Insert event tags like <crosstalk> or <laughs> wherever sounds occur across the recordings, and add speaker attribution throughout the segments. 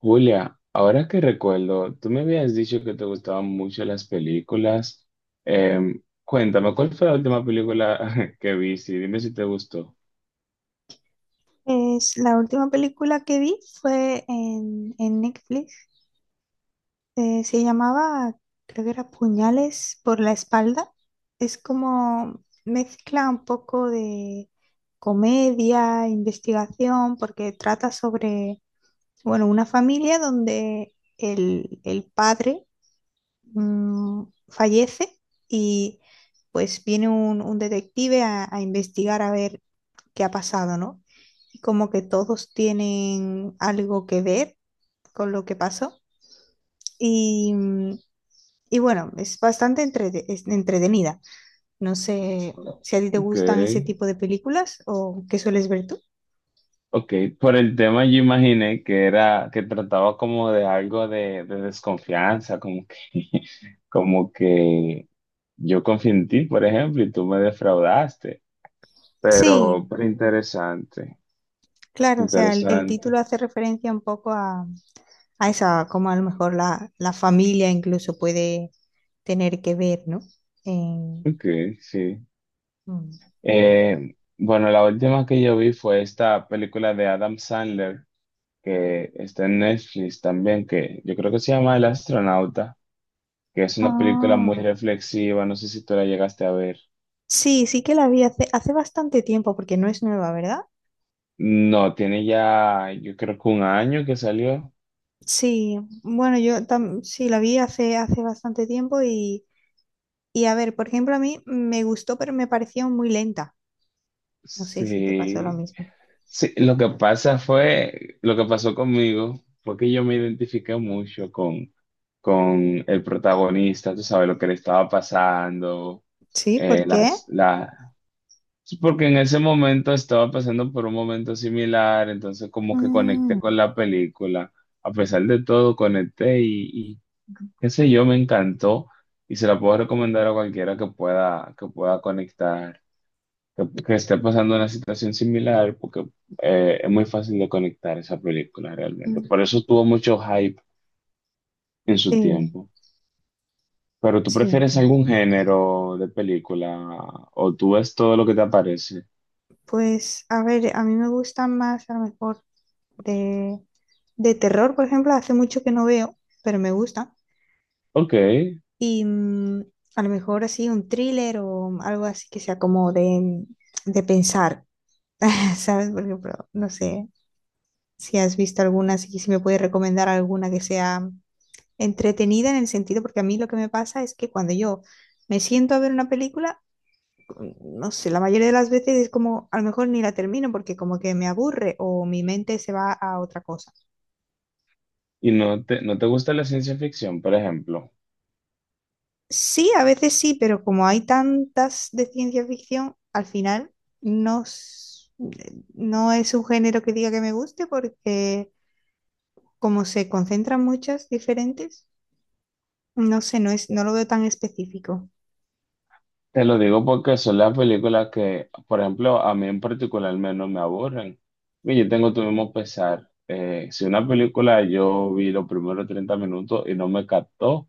Speaker 1: Julia, ahora que recuerdo, tú me habías dicho que te gustaban mucho las películas. Cuéntame, ¿cuál fue la última película <laughs> que viste? Dime si te gustó.
Speaker 2: La última película que vi fue en Netflix. Eh, se llamaba, Creo que era Puñales por la espalda. Es como mezcla un poco de comedia, investigación, porque trata sobre, bueno, una familia donde el padre fallece y pues viene un detective a investigar a ver qué ha pasado, ¿no? Y como que todos tienen algo que ver con lo que pasó. Y, mm, y bueno, es es entretenida. No sé si a ti te
Speaker 1: Ok,
Speaker 2: gustan ese tipo de películas o qué sueles ver tú.
Speaker 1: ok. Por el tema yo imaginé que era, que trataba como de algo de desconfianza, como que, <laughs> como que yo confié en ti, por ejemplo, y tú me defraudaste.
Speaker 2: Sí,
Speaker 1: Pero interesante,
Speaker 2: claro, o sea, el
Speaker 1: interesante.
Speaker 2: título hace referencia un poco a esa, como a lo mejor la familia incluso puede tener que ver, ¿no? En-
Speaker 1: Ok, sí.
Speaker 2: mm.
Speaker 1: Bueno, la última que yo vi fue esta película de Adam Sandler, que está en Netflix también, que yo creo que se llama El astronauta, que es una película muy
Speaker 2: Ah,
Speaker 1: reflexiva, no sé si tú la llegaste a ver.
Speaker 2: sí, sí que la vi hace bastante tiempo porque no es nueva, ¿verdad?
Speaker 1: No, tiene ya, yo creo que un año que salió.
Speaker 2: Sí, bueno, sí la vi hace bastante tiempo y a ver, por ejemplo, a mí me gustó, pero me pareció muy lenta. No sé si te pasó lo
Speaker 1: Sí.
Speaker 2: mismo.
Speaker 1: Sí, lo que pasa fue, lo que pasó conmigo fue que yo me identifiqué mucho con el protagonista, tú sabes lo que le estaba pasando,
Speaker 2: Sí,
Speaker 1: eh,
Speaker 2: ¿por qué?
Speaker 1: las, la- Sí, porque en ese momento estaba pasando por un momento similar, entonces como que conecté
Speaker 2: Mm,
Speaker 1: con la película. A pesar de todo, conecté y qué sé yo, me encantó y se la puedo recomendar a cualquiera que pueda conectar, que esté pasando una situación similar, porque es muy fácil de conectar esa película realmente.
Speaker 2: mm.
Speaker 1: Por eso tuvo mucho hype en su
Speaker 2: Sí,
Speaker 1: tiempo. Pero ¿tú
Speaker 2: sí,
Speaker 1: prefieres
Speaker 2: entiendo.
Speaker 1: algún género de película o tú ves todo lo que te aparece?
Speaker 2: Pues, a ver, a mí me gustan más, a lo mejor, de, de terror, por ejemplo, hace mucho que no veo, pero me gusta.
Speaker 1: Ok,
Speaker 2: Y mm, a lo mejor así un thriller o algo así que sea como de pensar, <laughs> ¿sabes? Por ejemplo, no sé si has visto alguna, si me puedes recomendar alguna que sea entretenida en el sentido, porque a mí lo que me pasa es que cuando yo me siento a ver una película, no sé, la mayoría de las veces es como, a lo mejor ni la termino porque como que me aburre o mi mente se va a otra cosa.
Speaker 1: ¿y no te, no te gusta la ciencia ficción, por ejemplo?
Speaker 2: Sí, a veces sí, pero como hay tantas de ciencia ficción, al final no, s- no es un género que diga que me guste porque como se concentran muchas diferentes, no sé, no es, no lo veo tan específico.
Speaker 1: Te lo digo porque son las películas que, por ejemplo, a mí en particular menos me aburren. Y yo tengo tu mismo pesar. Si una película yo vi los primeros 30 minutos y no me captó,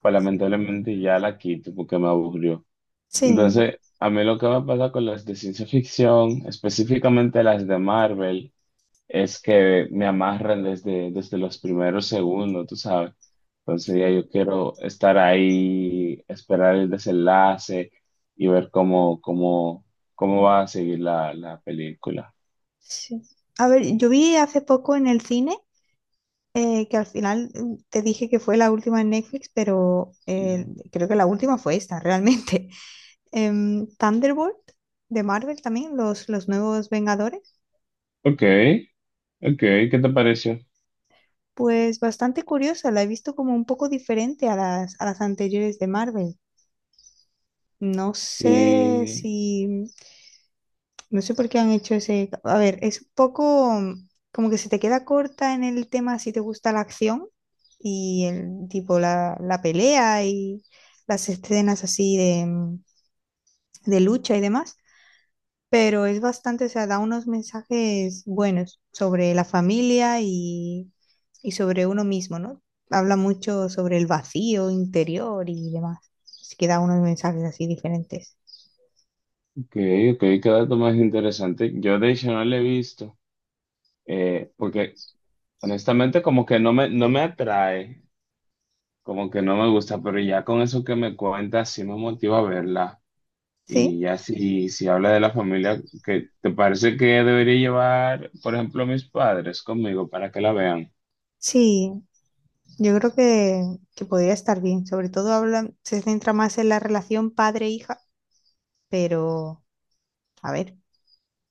Speaker 1: pues lamentablemente ya la quito porque me aburrió.
Speaker 2: Sí,
Speaker 1: Entonces, a mí lo que me pasa con las de ciencia ficción, específicamente las de Marvel, es que me amarran desde, desde los primeros segundos, tú sabes. Entonces ya yo quiero estar ahí, esperar el desenlace y ver cómo, cómo, cómo va a seguir la, la película.
Speaker 2: sí. A ver, yo vi hace poco en el cine que al final te dije que fue la última en Netflix, pero
Speaker 1: Y-
Speaker 2: eh, creo que la última fue esta, realmente. <laughs> Thunderbolt de Marvel también, los nuevos Vengadores.
Speaker 1: ok, ok, ¿qué te pareció?
Speaker 2: Pues bastante curiosa, la he visto como un poco diferente a a las anteriores de Marvel. No sé si,
Speaker 1: Sí,
Speaker 2: No sé por qué han hecho ese. A ver, es un poco como que se te queda corta en el tema si te gusta la acción y el tipo la pelea y las escenas así de de lucha y demás, pero es bastante, o sea, da unos mensajes buenos sobre la familia y sobre uno mismo, ¿no? Habla mucho sobre el vacío interior y demás. Así que da unos mensajes así diferentes.
Speaker 1: ok, ok, qué dato más interesante. Yo de hecho no lo he visto, porque honestamente como que no me, no me atrae, como que no me gusta, pero ya con eso que me cuentas sí me motiva a verla. Y
Speaker 2: Sí,
Speaker 1: ya si, si habla de la familia, ¿que te parece que debería llevar, por ejemplo, a mis padres conmigo para que la vean?
Speaker 2: sí, yo creo que podría estar bien. Sobre todo habla, se centra más en la relación padre-hija, pero a ver,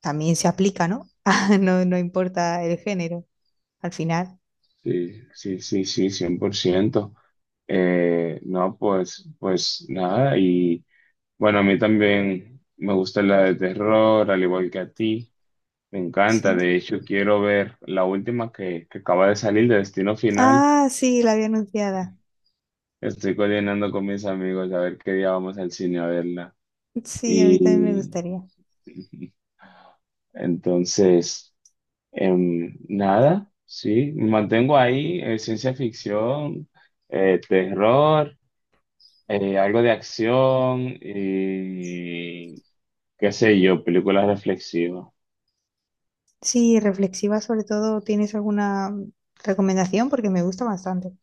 Speaker 2: también se aplica, ¿no? <laughs> Ah, no, no importa el género, al final.
Speaker 1: Sí, sí, sí, sí, 100%. No, pues, pues nada. Y bueno, a mí también me gusta la de terror, al igual que a ti. Me encanta.
Speaker 2: Sí.
Speaker 1: De hecho, quiero ver la última que acaba de salir de Destino Final.
Speaker 2: Ah, sí, la había anunciada.
Speaker 1: Estoy coordinando con mis amigos a ver qué día vamos al cine a verla.
Speaker 2: Sí, a mí también me
Speaker 1: Y
Speaker 2: gustaría.
Speaker 1: <laughs> entonces... Nada, sí, mantengo ahí, ciencia ficción, terror, algo de acción y qué sé yo, películas reflexivas.
Speaker 2: Sí, reflexiva sobre todo, ¿tienes alguna recomendación? Porque me gusta bastante.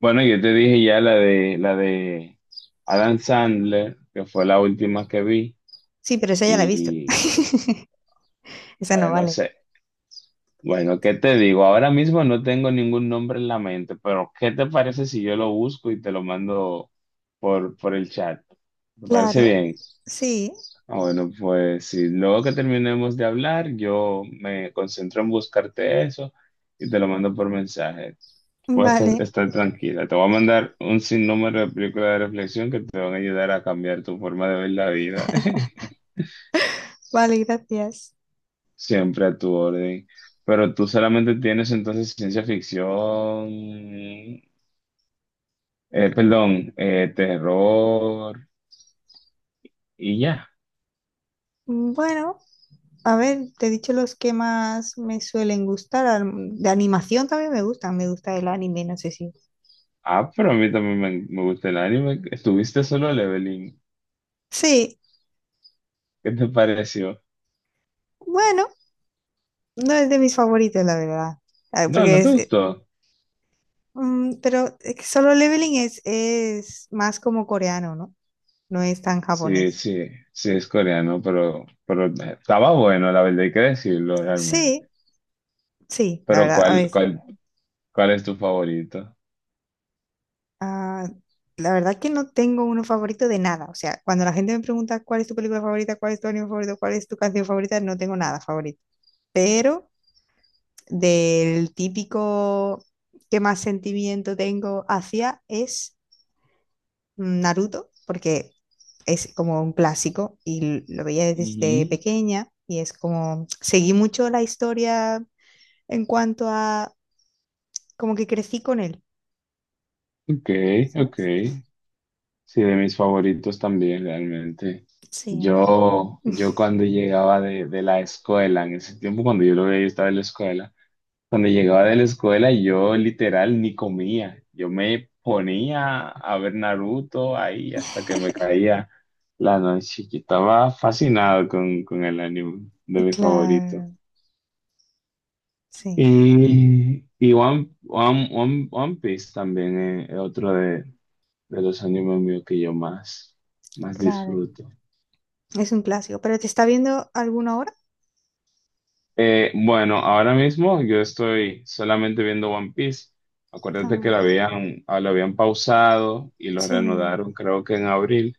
Speaker 1: Bueno, yo te dije ya la de Adam Sandler, que fue la última que vi,
Speaker 2: Sí, pero esa ya la he visto.
Speaker 1: y
Speaker 2: <laughs> Esa no
Speaker 1: bueno,
Speaker 2: vale.
Speaker 1: sé, bueno, ¿qué te digo? Ahora mismo no tengo ningún nombre en la mente, pero ¿qué te parece si yo lo busco y te lo mando por el chat? ¿Te parece
Speaker 2: Claro,
Speaker 1: bien?
Speaker 2: sí,
Speaker 1: Ah, bueno, pues sí, luego que terminemos de hablar, yo me concentro en buscarte eso y te lo mando por mensaje. Puedes estar,
Speaker 2: vale,
Speaker 1: estar tranquila. Te voy a mandar un sinnúmero de películas de reflexión que te van a ayudar a cambiar tu forma de ver la vida.
Speaker 2: vale, gracias.
Speaker 1: <laughs> Siempre a tu orden. Pero tú solamente tienes entonces ciencia ficción, perdón, terror y ya.
Speaker 2: Bueno. A ver, te he dicho los que más me suelen gustar. De animación también me gustan. Me gusta el anime, no sé si.
Speaker 1: Ah, pero a mí también me gusta el anime. Estuviste solo, Leveling.
Speaker 2: Sí,
Speaker 1: ¿Qué te pareció?
Speaker 2: bueno, no es de mis favoritos, la verdad. Ah,
Speaker 1: No,
Speaker 2: porque
Speaker 1: no te
Speaker 2: es.
Speaker 1: gustó.
Speaker 2: Pero es que Solo Leveling es más como coreano, ¿no? No es tan
Speaker 1: Sí,
Speaker 2: japonés.
Speaker 1: sí, sí es coreano, pero estaba bueno, la verdad hay que decirlo realmente.
Speaker 2: Sí, sí, la
Speaker 1: Pero
Speaker 2: verdad, a
Speaker 1: ¿cuál,
Speaker 2: ver, sí.
Speaker 1: cuál, cuál es tu favorito?
Speaker 2: Ah, la verdad que no tengo uno favorito de nada. O sea, cuando la gente me pregunta cuál es tu película favorita, cuál es tu anime favorito, cuál es tu canción favorita, no tengo nada favorito. Pero. Del típico que más sentimiento tengo hacia es Naruto, porque es como un clásico y lo veía desde
Speaker 1: Ujú.
Speaker 2: pequeña y es como seguí mucho la historia en cuanto a como que crecí con él,
Speaker 1: Ok, ok.
Speaker 2: ¿sabes?
Speaker 1: Sí, de mis favoritos también realmente.
Speaker 2: Sí.
Speaker 1: Yo cuando llegaba de la escuela, en ese tiempo cuando yo lo veía, yo estaba en la escuela. Cuando llegaba de la escuela, yo literal ni comía. Yo me ponía a ver Naruto ahí hasta que me
Speaker 2: <laughs>
Speaker 1: caía la noche. Yo estaba fascinado con el anime de mi favorito.
Speaker 2: Claro, sí,
Speaker 1: Y One Piece también es otro de los animes míos que yo más, más
Speaker 2: claro.
Speaker 1: disfruto.
Speaker 2: Es un clásico, pero ¿te está viendo alguna ahora?
Speaker 1: Bueno, ahora mismo yo estoy solamente viendo One Piece. Acuérdate que
Speaker 2: Ah,
Speaker 1: lo habían, ah, lo habían pausado y lo
Speaker 2: sí.
Speaker 1: reanudaron creo que en abril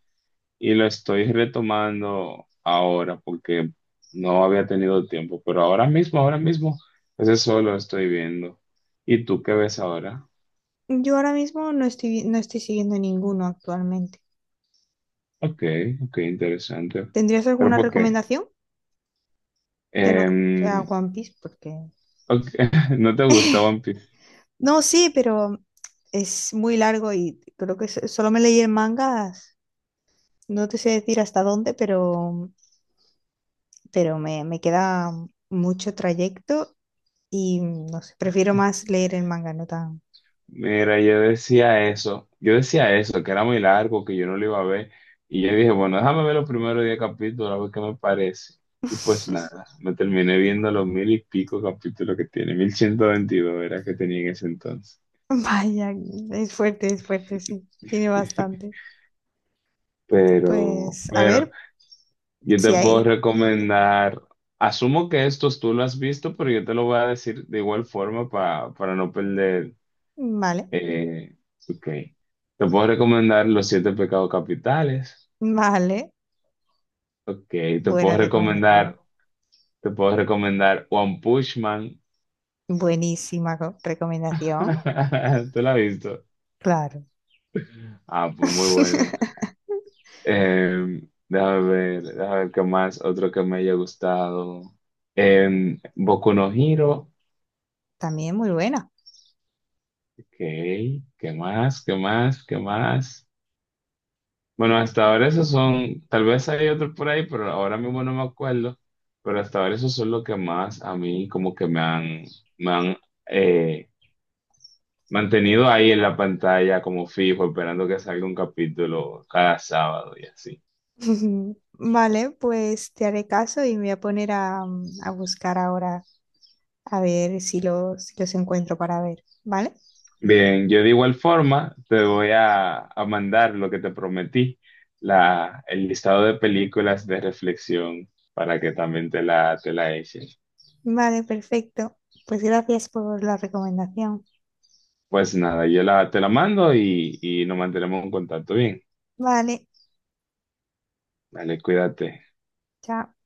Speaker 1: y lo estoy retomando ahora porque no había tenido tiempo, pero ahora mismo, ese solo estoy viendo. ¿Y tú qué ves ahora?
Speaker 2: Yo ahora mismo no estoy siguiendo ninguno actualmente.
Speaker 1: Ok, ok, interesante.
Speaker 2: ¿Tendrías
Speaker 1: ¿Pero
Speaker 2: alguna
Speaker 1: por qué?
Speaker 2: recomendación? Que no sea
Speaker 1: Em,
Speaker 2: One Piece, porque.
Speaker 1: ok, <laughs> ¿no te gusta One Piece?
Speaker 2: No, sí, pero es muy largo y creo que solo me leí el manga, no te sé decir hasta dónde, pero me queda mucho trayecto y no sé, prefiero más leer el manga, no tan.
Speaker 1: Mira, yo decía eso, que era muy largo, que yo no lo iba a ver, y yo dije, bueno, déjame ver los primeros 10 capítulos, a ver qué me parece. Y pues nada, me terminé viendo los mil y pico capítulos que tiene, 1122, era que tenía en ese entonces.
Speaker 2: <laughs> Vaya, es fuerte, sí, tiene
Speaker 1: <laughs>
Speaker 2: bastante.
Speaker 1: Pero,
Speaker 2: Pues a
Speaker 1: pero
Speaker 2: ver
Speaker 1: yo
Speaker 2: si
Speaker 1: te puedo
Speaker 2: hay.
Speaker 1: recomendar, asumo que estos tú lo has visto, pero yo te lo voy a decir de igual forma para no perder.
Speaker 2: Vale,
Speaker 1: eh, ok, Te puedo recomendar Los Siete Pecados Capitales.
Speaker 2: vale,
Speaker 1: Ok, te
Speaker 2: buena
Speaker 1: puedo
Speaker 2: recomendación,
Speaker 1: recomendar, te puedo recomendar One Punch Man.
Speaker 2: recomendación,
Speaker 1: <laughs> ¿Tú la has visto?
Speaker 2: claro.
Speaker 1: Ah, pues muy bueno.
Speaker 2: <laughs>
Speaker 1: Déjame ver, déjame ver qué más, otro que me haya gustado. Boku no Hero.
Speaker 2: También muy buena.
Speaker 1: Ok, ¿qué más? ¿Qué más? ¿Qué más? Bueno, hasta ahora esos son, tal vez hay otro por ahí, pero ahora mismo no me acuerdo. Pero hasta ahora esos son los que más a mí como que me han eh, mantenido ahí en la pantalla como fijo, esperando que salga un capítulo cada sábado y así.
Speaker 2: <laughs> Vale, pues te haré caso y me voy a poner a a buscar ahora a ver si si los encuentro para ver. ¿Vale?
Speaker 1: Bien, yo de igual forma te voy a mandar lo que te prometí, la, el listado de películas de reflexión para que también te la eches.
Speaker 2: Vale, perfecto. Pues gracias por la recomendación.
Speaker 1: Pues nada, yo la, te la mando y nos mantenemos en contacto. Bien,
Speaker 2: Vale,
Speaker 1: dale, cuídate.
Speaker 2: chao.